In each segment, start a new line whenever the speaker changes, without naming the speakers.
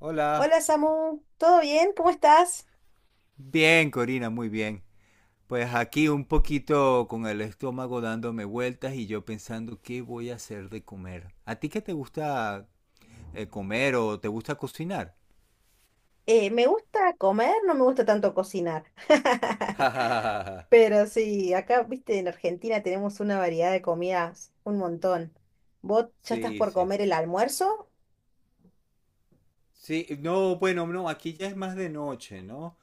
Hola.
Hola Samu, ¿todo bien? ¿Cómo estás?
Bien, Corina, muy bien. Pues aquí un poquito con el estómago dándome vueltas y yo pensando qué voy a hacer de comer. ¿A ti qué te gusta comer o te gusta cocinar?
Me gusta comer, no me gusta tanto cocinar. Pero sí, acá, viste, en Argentina tenemos una variedad de comidas, un montón. ¿Vos ya estás
Sí,
por
sí.
comer el almuerzo?
Sí, no, bueno, no, aquí ya es más de noche, ¿no?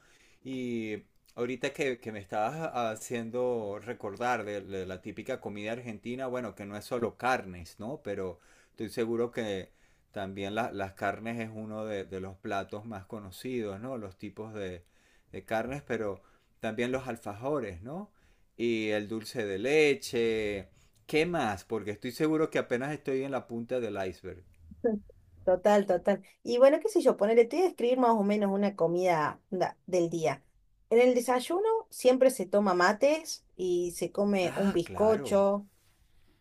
Y ahorita que me estabas haciendo recordar de la típica comida argentina, bueno, que no es solo carnes, ¿no? Pero estoy seguro que también las carnes es uno de los platos más conocidos, ¿no? Los tipos de carnes, pero también los alfajores, ¿no? Y el dulce de leche. ¿Qué más? Porque estoy seguro que apenas estoy en la punta del iceberg.
Total, total. Y bueno, qué sé yo, ponerle, te voy a describir más o menos una comida del día. En el desayuno siempre se toma mates y se come un
Ah, claro.
bizcocho,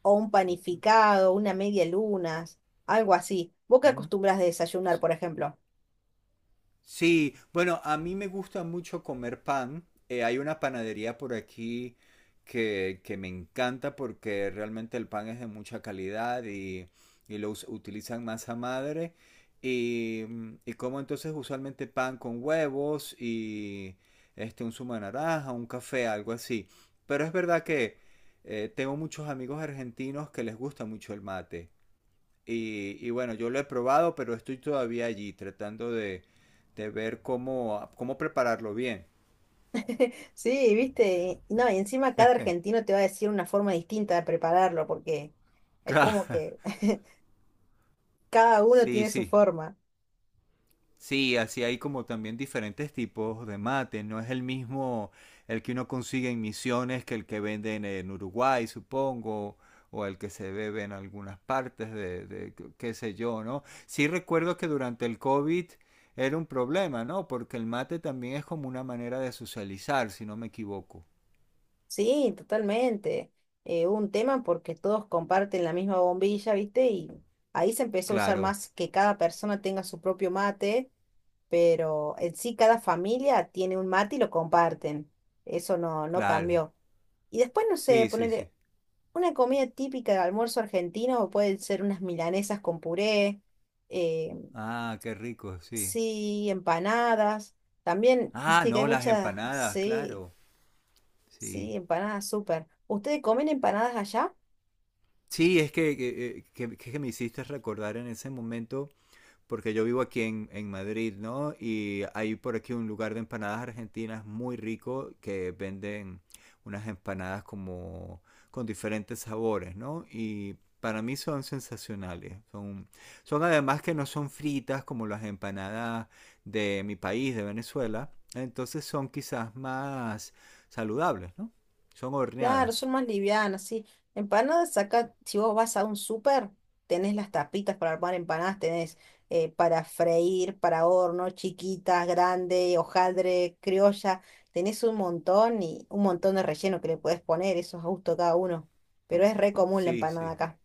o un panificado, una media luna, algo así. ¿Vos qué
¿Mm?
acostumbras de desayunar, por ejemplo?
Sí, bueno, a mí me gusta mucho comer pan. Hay una panadería por aquí que me encanta porque realmente el pan es de mucha calidad y lo utilizan masa madre. Y, y como entonces usualmente pan con huevos y un zumo de naranja, un café, algo así. Pero es verdad que tengo muchos amigos argentinos que les gusta mucho el mate. Y bueno, yo lo he probado, pero estoy todavía allí tratando de ver cómo, cómo prepararlo bien.
Sí, viste, y no, y encima cada argentino te va a decir una forma distinta de prepararlo, porque es como
Claro.
que cada uno
Sí,
tiene su
sí.
forma.
Sí, así hay como también diferentes tipos de mate. No es el mismo el que uno consigue en Misiones que el que venden en Uruguay, supongo, o el que se bebe en algunas partes de qué sé yo, ¿no? Sí recuerdo que durante el COVID era un problema, ¿no? Porque el mate también es como una manera de socializar, si no me equivoco.
Sí, totalmente. Un tema porque todos comparten la misma bombilla, ¿viste? Y ahí se empezó a usar
Claro.
más que cada persona tenga su propio mate, pero en sí cada familia tiene un mate y lo comparten. Eso no, no
Claro.
cambió. Y después, no sé,
Sí, sí, sí.
poner una comida típica de almuerzo argentino, pueden ser unas milanesas con puré, eh,
Ah, qué rico, sí.
sí, empanadas. También,
Ah,
viste que hay
no, las
muchas,
empanadas,
sí.
claro. Sí.
Sí, empanadas, súper. ¿Ustedes comen empanadas allá?
Sí, es que me hiciste recordar en ese momento porque yo vivo aquí en Madrid, ¿no? Y hay por aquí un lugar de empanadas argentinas muy rico que venden unas empanadas como con diferentes sabores, ¿no? Y para mí son sensacionales. Son, son además que no son fritas como las empanadas de mi país, de Venezuela. Entonces son quizás más saludables, ¿no? Son
Claro,
horneadas.
son más livianas, sí. Empanadas
Sí,
acá, si vos vas a un súper, tenés las tapitas para armar empanadas, tenés para freír, para horno, chiquitas, grande, hojaldre, criolla. Tenés un montón y un montón de relleno que le podés poner, eso es a gusto de cada uno. Pero es re común la
sí.
empanada
sí.
acá.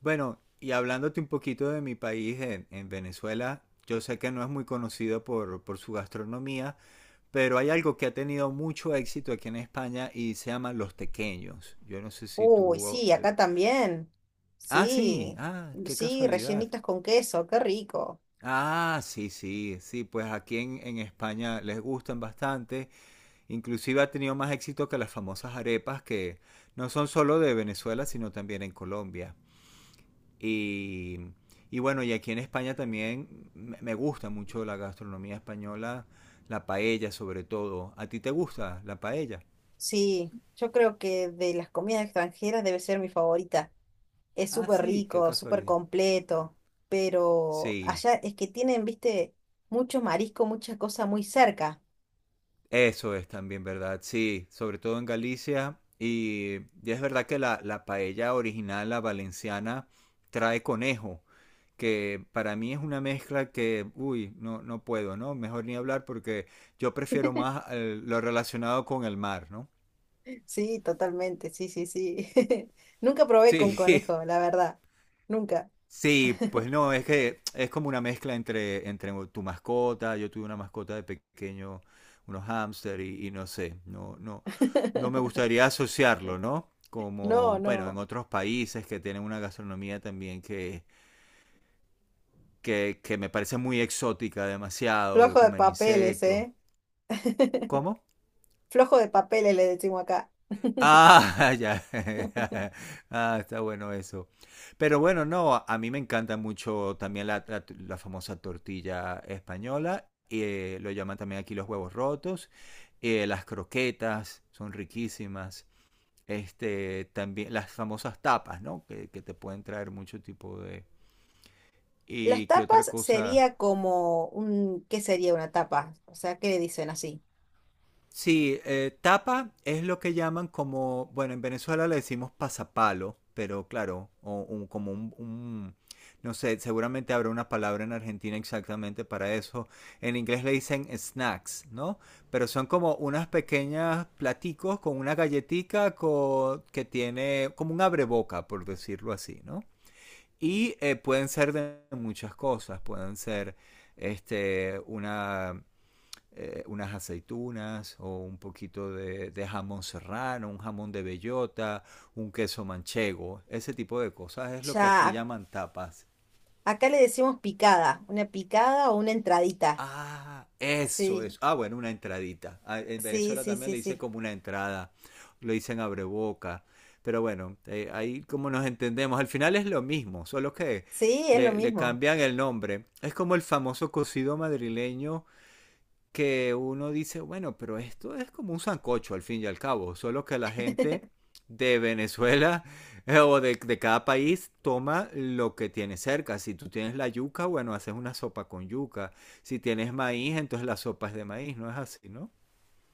Bueno, y hablándote un poquito de mi país, en Venezuela, yo sé que no es muy conocido por su gastronomía, pero hay algo que ha tenido mucho éxito aquí en España y se llaman los tequeños. Yo no sé si
Uy,
tú...
sí, acá también.
Ah, sí,
Sí,
ah, qué
sí,
casualidad.
rellenitas con queso, qué rico.
Ah, sí, sí, sí, pues aquí en España les gustan bastante. Inclusive ha tenido más éxito que las famosas arepas que no son solo de Venezuela, sino también en Colombia. Y, y bueno, y aquí en España también me gusta mucho la gastronomía española, la paella sobre todo. ¿A ti te gusta la paella?
Sí, yo creo que de las comidas extranjeras debe ser mi favorita. Es
Ah,
súper
sí, qué
rico, súper
casualidad.
completo, pero
Sí,
allá es que tienen, viste, mucho marisco, mucha cosa muy cerca.
eso es también verdad, sí, sobre todo en Galicia. Y es verdad que la paella original, la valenciana, trae conejo, que para mí es una mezcla que, uy, no, no puedo, ¿no? Mejor ni hablar porque yo prefiero más lo relacionado con el mar, ¿no?
Sí, totalmente, sí, sí, sí. Nunca probé con
Sí,
conejo, la verdad. Nunca.
Sí, pues no, es que es como una mezcla entre, entre tu mascota, yo tuve una mascota de pequeño, unos hámster y no sé, no, no me gustaría asociarlo, ¿no?
No,
Como, bueno, en
no.
otros países que tienen una gastronomía también que me parece muy exótica demasiado, que
Flojo de
comen
papeles,
insectos.
¿eh?
¿Cómo?
Flojo de papeles le decimos acá.
Ah, ya. Ah, está bueno eso. Pero bueno, no, a mí me encanta mucho también la, la famosa tortilla española. Lo llaman también aquí los huevos rotos. Las croquetas son riquísimas. Este, también las famosas tapas, ¿no? Que te pueden traer mucho tipo de...
Las
¿Y qué otra
tapas
cosa?
sería como un, ¿qué sería una tapa? O sea, ¿qué le dicen así?
Sí, tapa es lo que llaman como, bueno, en Venezuela le decimos pasapalo, pero claro, o como un, no sé, seguramente habrá una palabra en Argentina exactamente para eso. En inglés le dicen snacks, ¿no? Pero son como unas pequeñas platicos con una galletica que tiene como un abreboca, por decirlo así, ¿no? Y pueden ser de muchas cosas, pueden ser una unas aceitunas o un poquito de jamón serrano, un jamón de bellota, un queso manchego, ese tipo de cosas es lo que aquí
Ya.
llaman tapas.
Acá le decimos picada, una picada o una entradita.
Ah, eso
Sí,
es. Ah, bueno, una entradita. Ah, en
sí,
Venezuela
sí,
también
sí,
le dicen
sí.
como una entrada. Lo dicen abreboca. Pero bueno, ahí como nos entendemos. Al final es lo mismo, solo que
Sí, es lo
le
mismo.
cambian el nombre. Es como el famoso cocido madrileño que uno dice, bueno, pero esto es como un sancocho al fin y al cabo, solo que la gente de Venezuela o de cada país toma lo que tiene cerca. Si tú tienes la yuca, bueno, haces una sopa con yuca. Si tienes maíz, entonces la sopa es de maíz, no es así, ¿no?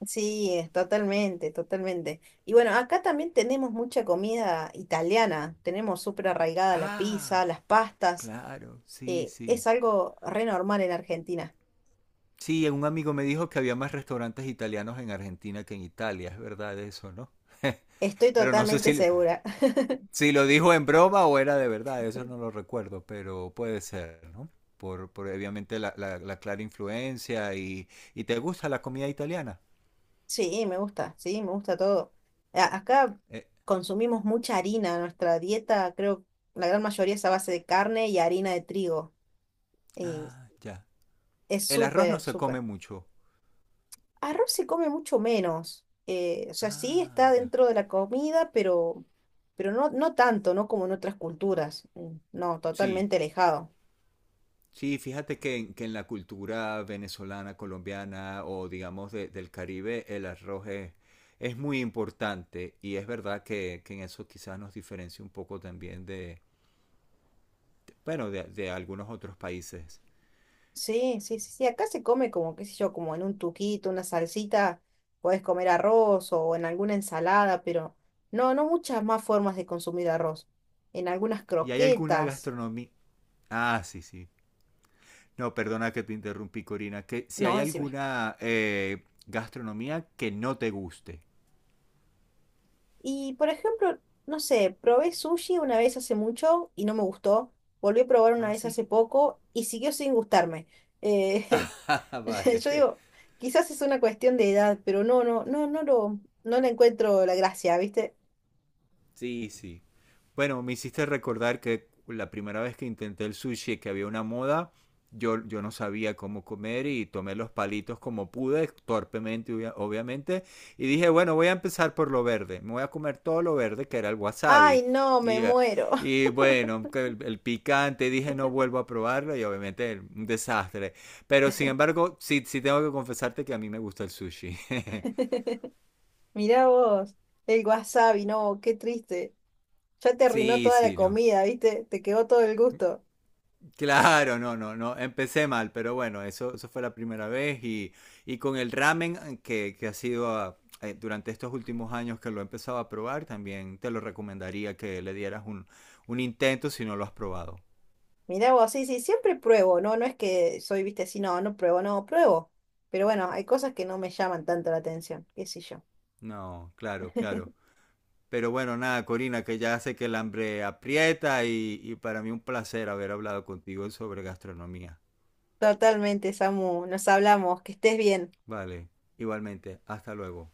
Sí, es totalmente, totalmente. Y bueno, acá también tenemos mucha comida italiana. Tenemos súper arraigada la
Ah,
pizza, las pastas.
claro, sí, sí.
Es algo re normal en Argentina.
Sí, un amigo me dijo que había más restaurantes italianos en Argentina que en Italia, es verdad eso, ¿no?
Estoy
Pero no sé
totalmente
si,
segura.
si lo dijo en broma o era de verdad, eso no lo recuerdo, pero puede ser, ¿no? Por obviamente la, la clara influencia y te gusta la comida italiana.
Sí, me gusta todo. Acá
Eh,
consumimos mucha harina. Nuestra dieta, creo, la gran mayoría es a base de carne y harina de trigo. Eh,
ya.
Es
El arroz no
súper,
se come
súper.
mucho.
Arroz se come mucho menos. O sea, sí
Ah,
está
ya.
dentro de la comida, pero no, no tanto, ¿no? Como en otras culturas. No,
Sí,
totalmente alejado.
sí, fíjate que en la cultura venezolana, colombiana o digamos del Caribe, el arroz es muy importante y es verdad que en eso quizás nos diferencia un poco también de, bueno, de algunos otros países.
Sí, sí, sí, sí. Acá se come como, qué sé yo, como en un tuquito, una salsita, puedes comer arroz o en alguna ensalada, pero no, no muchas más formas de consumir arroz. En algunas
¿Y hay alguna
croquetas.
gastronomía? Ah, sí, sí. No, perdona que te interrumpí, Corina. Que si
No,
hay
decime.
alguna gastronomía que no te guste.
Y por ejemplo, no sé, probé sushi una vez hace mucho y no me gustó. Volví a probar una
Ah,
vez
sí.
hace poco y siguió sin gustarme. Eh,
Ah, vale.
yo digo, quizás es una cuestión de edad, pero no, no, no, no le encuentro la gracia, ¿viste?
Sí, sí. Bueno, me hiciste recordar que la primera vez que intenté el sushi, que había una moda, yo no sabía cómo comer y tomé los palitos como pude, torpemente, obviamente, y dije, bueno, voy a empezar por lo verde, me voy a comer todo lo verde, que era el
Ay,
wasabi.
no, me
Y, eh,
muero.
y bueno, que el picante, dije, no vuelvo a probarlo y obviamente un desastre. Pero sin embargo, sí, sí tengo que confesarte que a mí me gusta el sushi.
Mirá vos, el wasabi, no, qué triste. Ya te arruinó
Sí,
toda la
sí, no.
comida, ¿viste? Te quedó todo el gusto.
Claro, no, no, no, empecé mal, pero bueno, eso fue la primera vez y con el ramen que ha sido durante estos últimos años que lo he empezado a probar, también te lo recomendaría que le dieras un intento si no lo has probado.
Mirá vos, sí, sí, siempre pruebo, ¿no? No es que soy, viste, así, no, no pruebo, no, pruebo. Pero bueno, hay cosas que no me llaman tanto la atención, qué sé yo.
No, claro, claro. Pero bueno, nada, Corina, que ya sé que el hambre aprieta y para mí un placer haber hablado contigo sobre gastronomía.
Totalmente, Samu, nos hablamos, que estés bien.
Vale, igualmente, hasta luego.